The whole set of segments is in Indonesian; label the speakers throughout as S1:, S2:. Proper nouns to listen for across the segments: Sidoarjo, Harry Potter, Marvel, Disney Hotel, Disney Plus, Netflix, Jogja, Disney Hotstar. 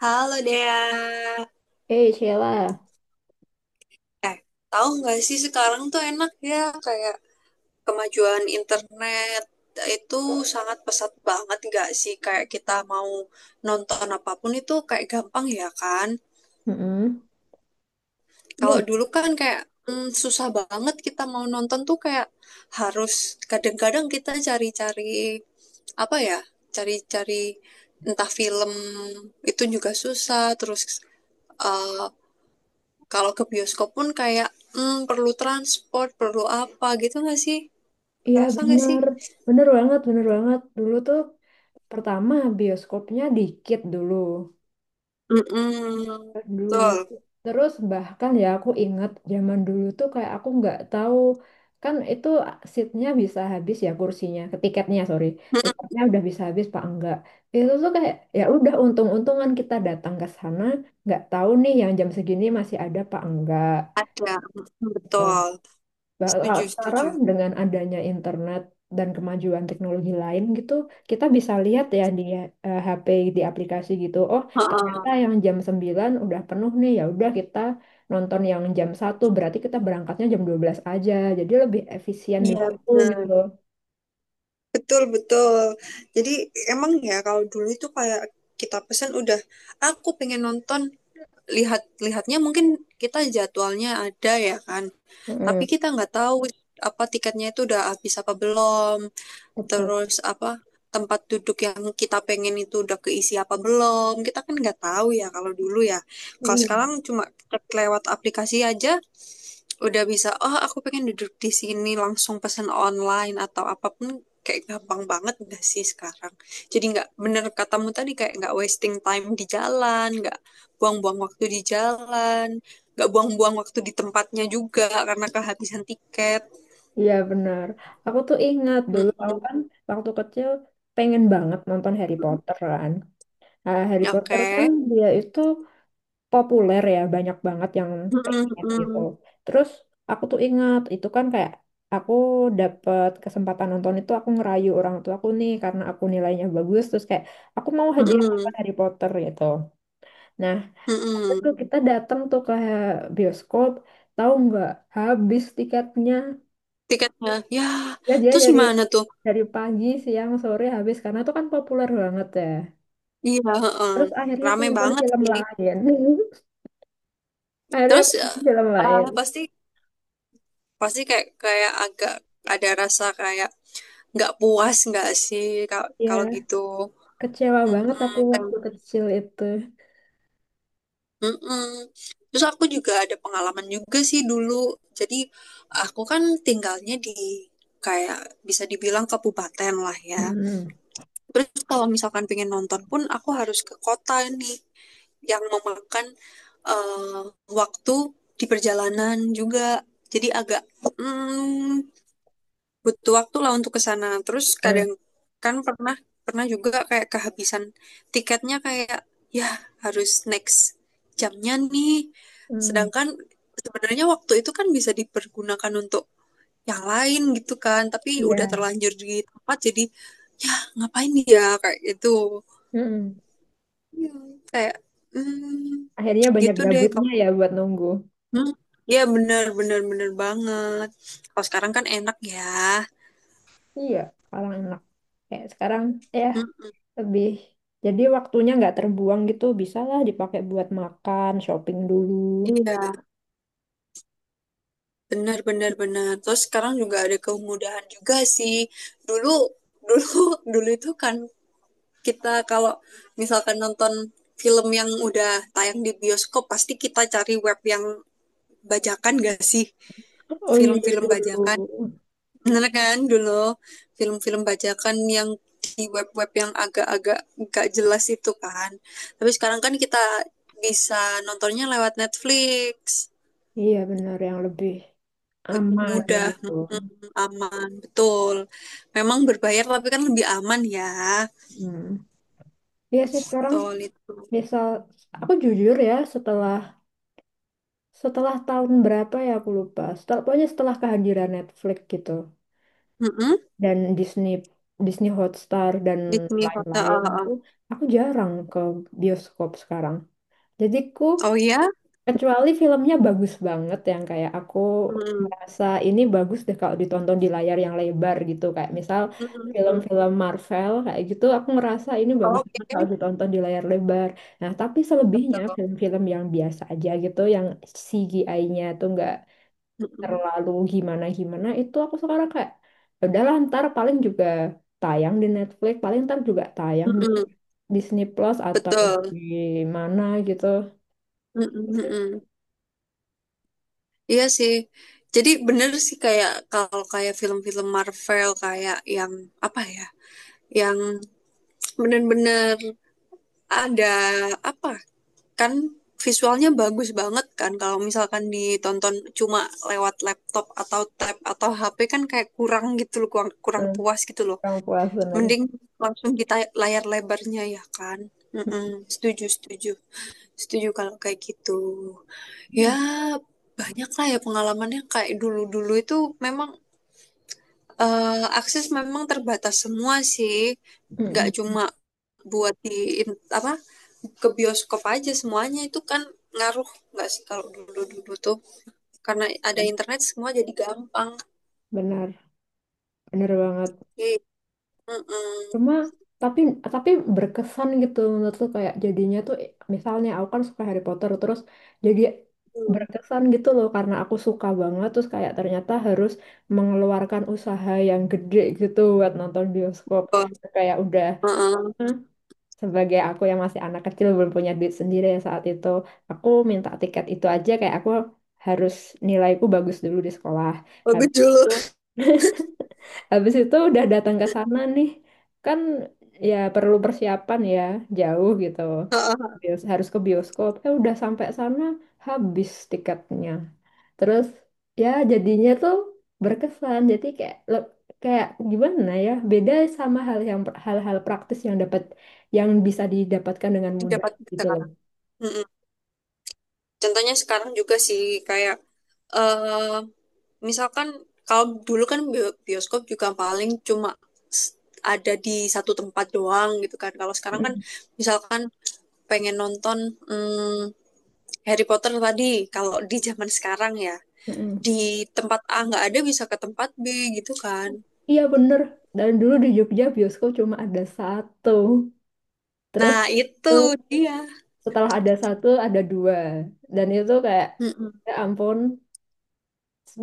S1: Halo Dea.
S2: Eh, Sheila.
S1: Eh, Tahu nggak sih sekarang tuh enak ya, kayak kemajuan internet itu sangat pesat banget nggak sih, kayak kita mau nonton apapun itu kayak gampang ya kan.
S2: Mm-mm. Iya,
S1: Kalau dulu kan kayak susah banget kita mau nonton tuh kayak harus, kadang-kadang kita cari-cari, apa ya, cari-cari entah film itu juga susah. Terus eh, kalau ke bioskop pun kayak perlu transport, perlu apa gitu nggak sih?
S2: iya
S1: Ngerasa nggak sih?
S2: bener. Bener banget, bener banget. Dulu tuh pertama bioskopnya dikit dulu.
S1: Mm-mm,
S2: Aduh.
S1: betul.
S2: Terus bahkan ya aku inget zaman dulu tuh kayak aku nggak tahu, kan itu seatnya bisa habis ya, kursinya, ke tiketnya sorry,
S1: Mm-mm,
S2: tiketnya udah bisa habis pak enggak. Itu tuh kayak ya udah untung-untungan kita datang ke sana, nggak tahu nih yang jam segini masih ada pak enggak.
S1: ada. Mm, betul.
S2: Bakal
S1: Setuju,
S2: sekarang
S1: setuju.
S2: dengan adanya internet dan kemajuan teknologi lain gitu, kita bisa lihat ya di HP, di aplikasi gitu. Oh,
S1: Heeh.
S2: ternyata yang jam 9 udah penuh nih. Ya udah kita nonton yang jam 1, berarti kita berangkatnya jam 12 aja. Jadi lebih efisien di
S1: Iya,
S2: waktu
S1: benar.
S2: gitu.
S1: Betul, betul. Jadi emang ya kalau dulu itu kayak kita pesan udah, aku pengen nonton, lihat, lihatnya mungkin kita jadwalnya ada ya kan. Tapi
S2: Mm,
S1: kita nggak tahu apa tiketnya itu udah habis apa belum.
S2: betul.
S1: Terus apa, tempat duduk yang kita pengen itu udah keisi apa belum, kita kan nggak tahu ya kalau dulu ya. Kalau
S2: Iya,
S1: sekarang cuma lewat aplikasi aja udah bisa, oh aku pengen duduk di sini, langsung pesan online atau apapun, kayak gampang banget nggak sih sekarang. Jadi nggak, bener katamu tadi kayak nggak wasting time di jalan, nggak buang-buang waktu di jalan, nggak buang-buang waktu di tempatnya juga karena kehabisan tiket.
S2: iya, benar. Aku tuh ingat dulu aku
S1: Mm-mm.
S2: kan waktu kecil pengen banget nonton Harry Potter kan. Nah, Harry
S1: Oke.
S2: Potter kan dia itu populer ya, banyak banget yang pengen gitu.
S1: Mm-mm-mm.
S2: Terus aku tuh ingat itu kan kayak aku dapet kesempatan nonton itu. Aku ngerayu orang tua aku nih karena aku nilainya bagus, terus kayak aku mau hadiah nonton
S1: Mm-mm,
S2: Harry Potter gitu. Nah, ada
S1: mm-mm.
S2: tuh, kita datang tuh ke bioskop, tahu nggak, habis tiketnya.
S1: Tiketnya, ya. Ya.
S2: Ya, dia
S1: Terus
S2: dari
S1: gimana tuh?
S2: dari pagi siang sore habis karena itu kan populer banget ya.
S1: Iya, heeh.
S2: Terus akhirnya aku
S1: Rame
S2: nonton
S1: banget
S2: film
S1: sih.
S2: lain akhirnya
S1: Terus
S2: aku
S1: ya,
S2: nonton film lain,
S1: ah, pasti, pasti kayak, kayak agak ada rasa kayak nggak puas nggak sih ka- kalau
S2: ya.
S1: gitu.
S2: Kecewa banget aku
S1: Mm, kan.
S2: waktu kecil itu.
S1: Mm-mm. Terus aku juga ada pengalaman juga sih dulu. Jadi aku kan tinggalnya di kayak bisa dibilang kabupaten lah ya.
S2: Mm-mm.
S1: Terus kalau misalkan pengen nonton pun aku harus ke kota nih, yang memakan eh, waktu di perjalanan juga. Jadi agak mm, butuh waktu lah untuk ke sana. Terus
S2: Mm.
S1: kadang kan pernah pernah juga kayak kehabisan tiketnya, kayak ya harus next jamnya nih.
S2: Mm.
S1: Sedangkan sebenarnya waktu itu kan bisa dipergunakan untuk yang lain gitu kan, tapi udah
S2: Iya.
S1: terlanjur di tempat, jadi ya ngapain ya kayak gitu.
S2: Mm-mm.
S1: Iya. Kayak mm,
S2: Akhirnya banyak
S1: gitu deh.
S2: gabutnya ya buat nunggu.
S1: Hmm, iya bener bener bener banget. Kalau sekarang kan enak ya.
S2: Iya, sekarang enak. Kayak sekarang ya,
S1: Hmm,
S2: lebih. Jadi waktunya nggak terbuang gitu. Bisalah dipakai buat makan, shopping dulu.
S1: iya benar benar benar. Terus sekarang juga ada kemudahan juga sih. Dulu dulu dulu itu kan kita kalau misalkan nonton film yang udah tayang di bioskop, pasti kita cari web yang bajakan gak sih?
S2: Oh iya
S1: Film-film
S2: dulu.
S1: bajakan. Bener kan, dulu film-film bajakan yang di web-web yang agak-agak gak jelas itu kan. Tapi sekarang kan kita bisa nontonnya lewat Netflix.
S2: Iya benar, yang lebih aman
S1: Mudah,
S2: gitu.
S1: aman, betul. Memang berbayar tapi kan lebih aman ya.
S2: Hmm. Iya sih sekarang,
S1: Betul itu.
S2: misal aku jujur ya, setelah Setelah tahun berapa ya aku lupa. Setelah, pokoknya setelah kehadiran Netflix gitu
S1: Mm-mm.
S2: dan Disney Disney Hotstar dan
S1: Disney Hotel.
S2: lain-lain
S1: Oh, oh.
S2: itu, aku jarang ke bioskop sekarang. Jadi
S1: Oh ya?
S2: kecuali filmnya bagus banget, yang kayak aku
S1: Mm-mm.
S2: merasa ini bagus deh kalau ditonton di layar yang lebar gitu, kayak misal
S1: Mm-mm, mm-mm.
S2: film-film Marvel kayak gitu, aku ngerasa ini bagus banget
S1: Oke,
S2: kalau ditonton di layar lebar. Nah, tapi selebihnya
S1: betul.
S2: film-film yang biasa aja gitu, yang CGI-nya tuh nggak
S1: Mm-mm.
S2: terlalu gimana-gimana, itu aku sekarang kayak, "Ya udahlah ntar paling juga tayang di Netflix, paling ntar juga tayang di
S1: Mm-mm.
S2: Disney Plus atau di
S1: Betul.
S2: mana gitu
S1: Mm-mm,
S2: sih."
S1: mm-mm. Iya sih. Jadi bener sih kayak kalau kayak film-film Marvel kayak yang apa ya? Yang bener-bener ada apa? Kan visualnya bagus banget kan kalau misalkan ditonton cuma lewat laptop atau tab atau HP, kan kayak kurang gitu loh, kurang, kurang
S2: Hmm,
S1: puas gitu loh.
S2: kurang puas bener.
S1: Mending langsung kita layar lebarnya ya kan? Mm-mm. Setuju, setuju. Setuju kalau kayak gitu. Ya, banyak lah ya pengalamannya kayak dulu-dulu itu memang. Akses memang terbatas semua sih, nggak
S2: Mm-mm.
S1: cuma buat di in- apa, ke bioskop aja, semuanya itu kan ngaruh nggak sih kalau dulu-dulu tuh karena ada internet semua jadi gampang.
S2: Benar, bener banget.
S1: Oke. Mm-mm.
S2: Cuma tapi tapi berkesan gitu menurut lu, kayak jadinya tuh, misalnya aku kan suka Harry Potter terus, jadi
S1: Hmm.
S2: berkesan gitu loh, karena aku suka banget terus kayak ternyata harus mengeluarkan usaha yang gede gitu buat nonton bioskop,
S1: Oh,
S2: kayak udah,
S1: uh-uh.
S2: hmm, sebagai aku yang masih anak kecil belum punya duit sendiri ya saat itu, aku minta tiket itu aja kayak aku harus, nilaiku bagus dulu di sekolah,
S1: Bagus
S2: habis
S1: dulu.
S2: itu, habis itu udah datang ke sana nih, kan ya perlu persiapan ya, jauh gitu.
S1: Uh-uh.
S2: Harus ke bioskop. Eh, udah sampai sana, habis tiketnya. Terus ya jadinya tuh berkesan. Jadi kayak le-, gimana ya? Beda sama hal yang, hal-hal praktis yang dapat yang bisa didapatkan dengan mudah
S1: Dapat
S2: gitu loh.
S1: sekarang. Contohnya sekarang juga sih kayak eh misalkan kalau dulu kan bio- bioskop juga paling cuma s- ada di satu tempat doang gitu kan. Kalau sekarang kan
S2: Mm,
S1: misalkan pengen nonton mm, Harry Potter tadi kalau di zaman sekarang ya,
S2: mm.
S1: di tempat A nggak ada bisa ke tempat B gitu kan.
S2: Iya bener. Dan dulu di Jogja bioskop cuma ada satu. Terus
S1: Nah, itu dia.
S2: setelah ada satu ada dua, dan itu kayak
S1: Mm-mm.
S2: ya ampun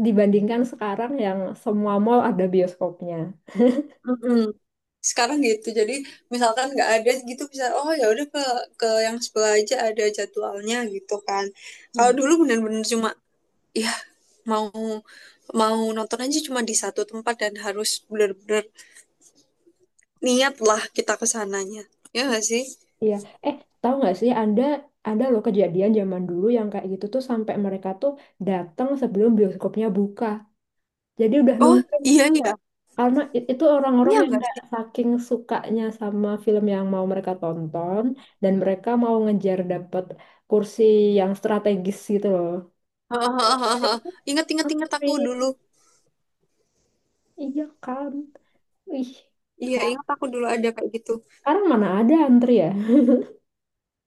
S2: dibandingkan sekarang yang semua mall ada bioskopnya.
S1: Mm-mm. Sekarang gitu. Jadi misalkan nggak ada gitu bisa, oh ya udah ke yang sebelah aja ada jadwalnya gitu kan. Kalau
S2: Iya.
S1: dulu bener-bener cuma ya mau mau nonton aja cuma di satu tempat dan harus bener-bener niat lah kita ke sananya. Ya nggak sih?
S2: Iya, eh tahu nggak sih anda, ada loh kejadian zaman dulu yang kayak gitu tuh sampai mereka tuh datang sebelum bioskopnya buka, jadi udah
S1: Oh,
S2: nungguin,
S1: iya iya.
S2: karena itu orang-orang
S1: Iya
S2: yang
S1: nggak
S2: kayak
S1: sih?
S2: saking sukanya sama film yang mau mereka tonton, dan mereka mau ngejar dapet kursi yang strategis gitu loh.
S1: Hahaha. Ingat ingat ingat
S2: Antri.
S1: aku dulu.
S2: Iya kan? Wih,
S1: Iya,
S2: sekarang
S1: ingat aku dulu ada kayak gitu.
S2: sekarang mana ada antri ya?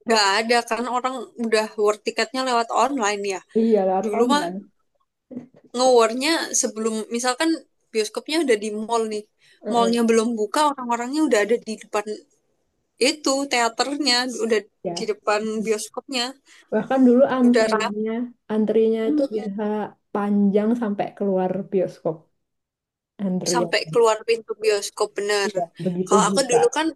S1: Nggak ada kan, orang udah work tiketnya lewat online ya.
S2: Iya, lewat
S1: Dulu mah,
S2: online.
S1: nge-warnya sebelum misalkan bioskopnya udah di mall nih.
S2: Heeh,
S1: Mallnya belum buka, orang-orangnya udah ada di depan itu teaternya, udah di
S2: ya.
S1: depan bioskopnya,
S2: Bahkan dulu
S1: udah rame.
S2: antrinya itu bisa panjang sampai keluar bioskop antriannya.
S1: Sampai keluar pintu bioskop bener.
S2: Iya, begitu
S1: Kalau aku
S2: buka.
S1: dulu kan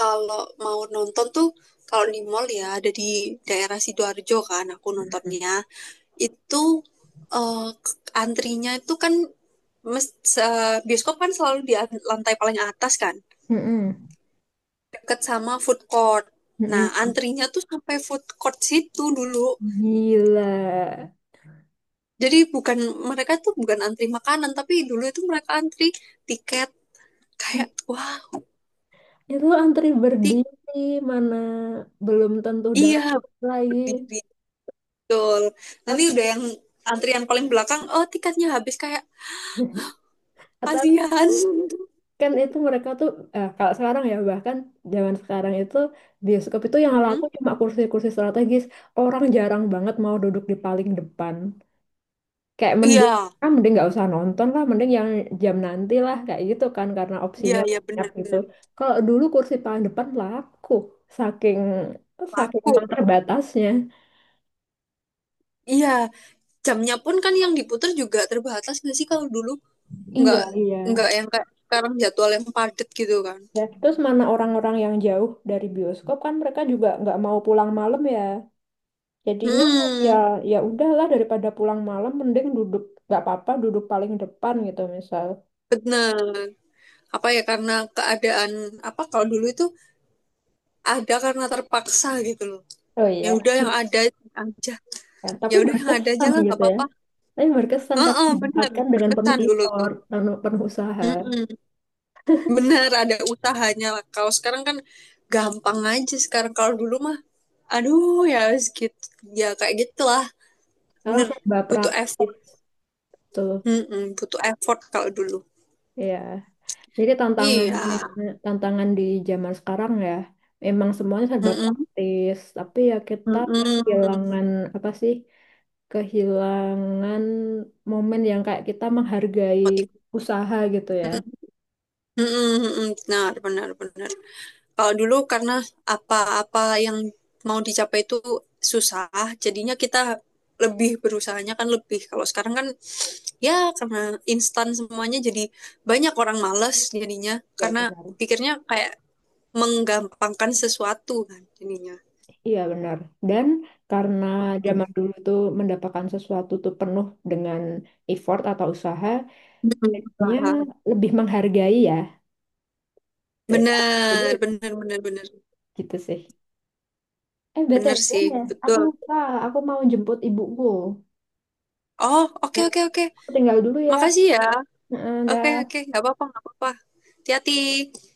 S1: kalau mau nonton tuh, kalau di mall ya ada di daerah Sidoarjo kan aku nontonnya. Itu eh, antrinya itu kan mes- se- bioskop kan selalu di lantai paling atas kan,
S2: Mm-mm.
S1: deket sama food court. Nah, antrinya tuh sampai food court situ dulu.
S2: Gila.
S1: Jadi bukan, mereka tuh bukan antri makanan, tapi dulu itu mereka antri tiket, kayak wah,
S2: Itu antri
S1: tik,
S2: berdiri, mana belum tentu
S1: iya,
S2: dapat lagi.
S1: berdiri, betul. Nanti
S2: At-
S1: udah yang antrian paling belakang, oh tiketnya habis, kayak
S2: Atau
S1: kasihan.
S2: kan itu mereka tuh, kalau sekarang ya bahkan zaman sekarang itu, bioskop itu yang laku
S1: Mm-mm.
S2: cuma kursi-kursi strategis, orang jarang banget mau duduk di paling depan, kayak mending
S1: Iya,
S2: ah, mending nggak usah nonton lah, mending yang jam nanti lah, kayak gitu kan karena
S1: iya,
S2: opsinya
S1: iya
S2: banyak gitu.
S1: benar-benar
S2: Kalau dulu kursi paling depan laku, saking saking
S1: laku.
S2: terbatasnya.
S1: Iya, jamnya pun kan yang diputar juga terbatas nggak sih kalau dulu, nggak
S2: Iya, iya.
S1: nggak yang kayak sekarang jadwal yang padat gitu kan.
S2: Ya, terus mana orang-orang yang jauh dari bioskop kan mereka juga nggak mau pulang malam ya. Jadinya ya
S1: Mm-mm.
S2: ya udahlah, daripada pulang malam mending duduk nggak apa-apa duduk paling depan gitu misal.
S1: Bener. Apa ya, karena keadaan apa kalau dulu itu ada karena terpaksa gitu loh.
S2: Oh
S1: Ya
S2: iya.
S1: udah yang ada aja.
S2: Ya,
S1: Ya
S2: tapi
S1: udah yang ada aja
S2: berkesan
S1: lah nggak
S2: gitu ya.
S1: apa-apa.
S2: Tapi berkesan karena
S1: Heeh, benar.
S2: didapatkan dengan penuh
S1: Berkesan dulu tuh.
S2: effort, penuh, penuh usaha.
S1: Mm-mm. Bener ada usahanya. Kalau sekarang kan gampang aja sekarang, kalau dulu mah aduh ya gitu ya kayak gitulah.
S2: Sekarang
S1: Bener,
S2: serba
S1: butuh
S2: praktis
S1: effort.
S2: tuh.
S1: Mm-mm, butuh effort kalau dulu.
S2: Ya. Jadi tantangannya
S1: Iya.
S2: tantangan di zaman sekarang ya, memang semuanya serba
S1: Mm-mm.
S2: praktis, tapi ya kita
S1: Mm-mm.
S2: kehilangan, apa sih, kehilangan momen yang kayak kita menghargai
S1: Motiv-
S2: usaha gitu ya.
S1: Mm-mm, mm-mm. Benar, benar, benar. Kalau dulu karena apa-apa yang mau dicapai itu susah, jadinya kita lebih berusahanya kan lebih. Kalau sekarang kan ya karena instan semuanya jadi banyak orang malas jadinya,
S2: Ya
S1: karena
S2: benar.
S1: pikirnya kayak menggampangkan sesuatu kan jadinya.
S2: Iya benar. Dan karena
S1: Hmm.
S2: zaman dulu tuh mendapatkan sesuatu tuh penuh dengan effort atau usaha,
S1: Hmm,
S2: jadinya
S1: usaha.
S2: lebih menghargai ya. Jadi
S1: Bener, bener, bener, bener.
S2: gitu sih. Eh, B T
S1: Bener
S2: W
S1: sih,
S2: ya aku
S1: betul.
S2: lupa. Aku mau jemput ibuku.
S1: Oh, oke,
S2: Ya,
S1: oke, oke.
S2: aku tinggal dulu ya.
S1: Makasih ya.
S2: Heeh,
S1: Oke,
S2: dah.
S1: oke, nggak apa-apa, nggak apa-apa. Hati-hati.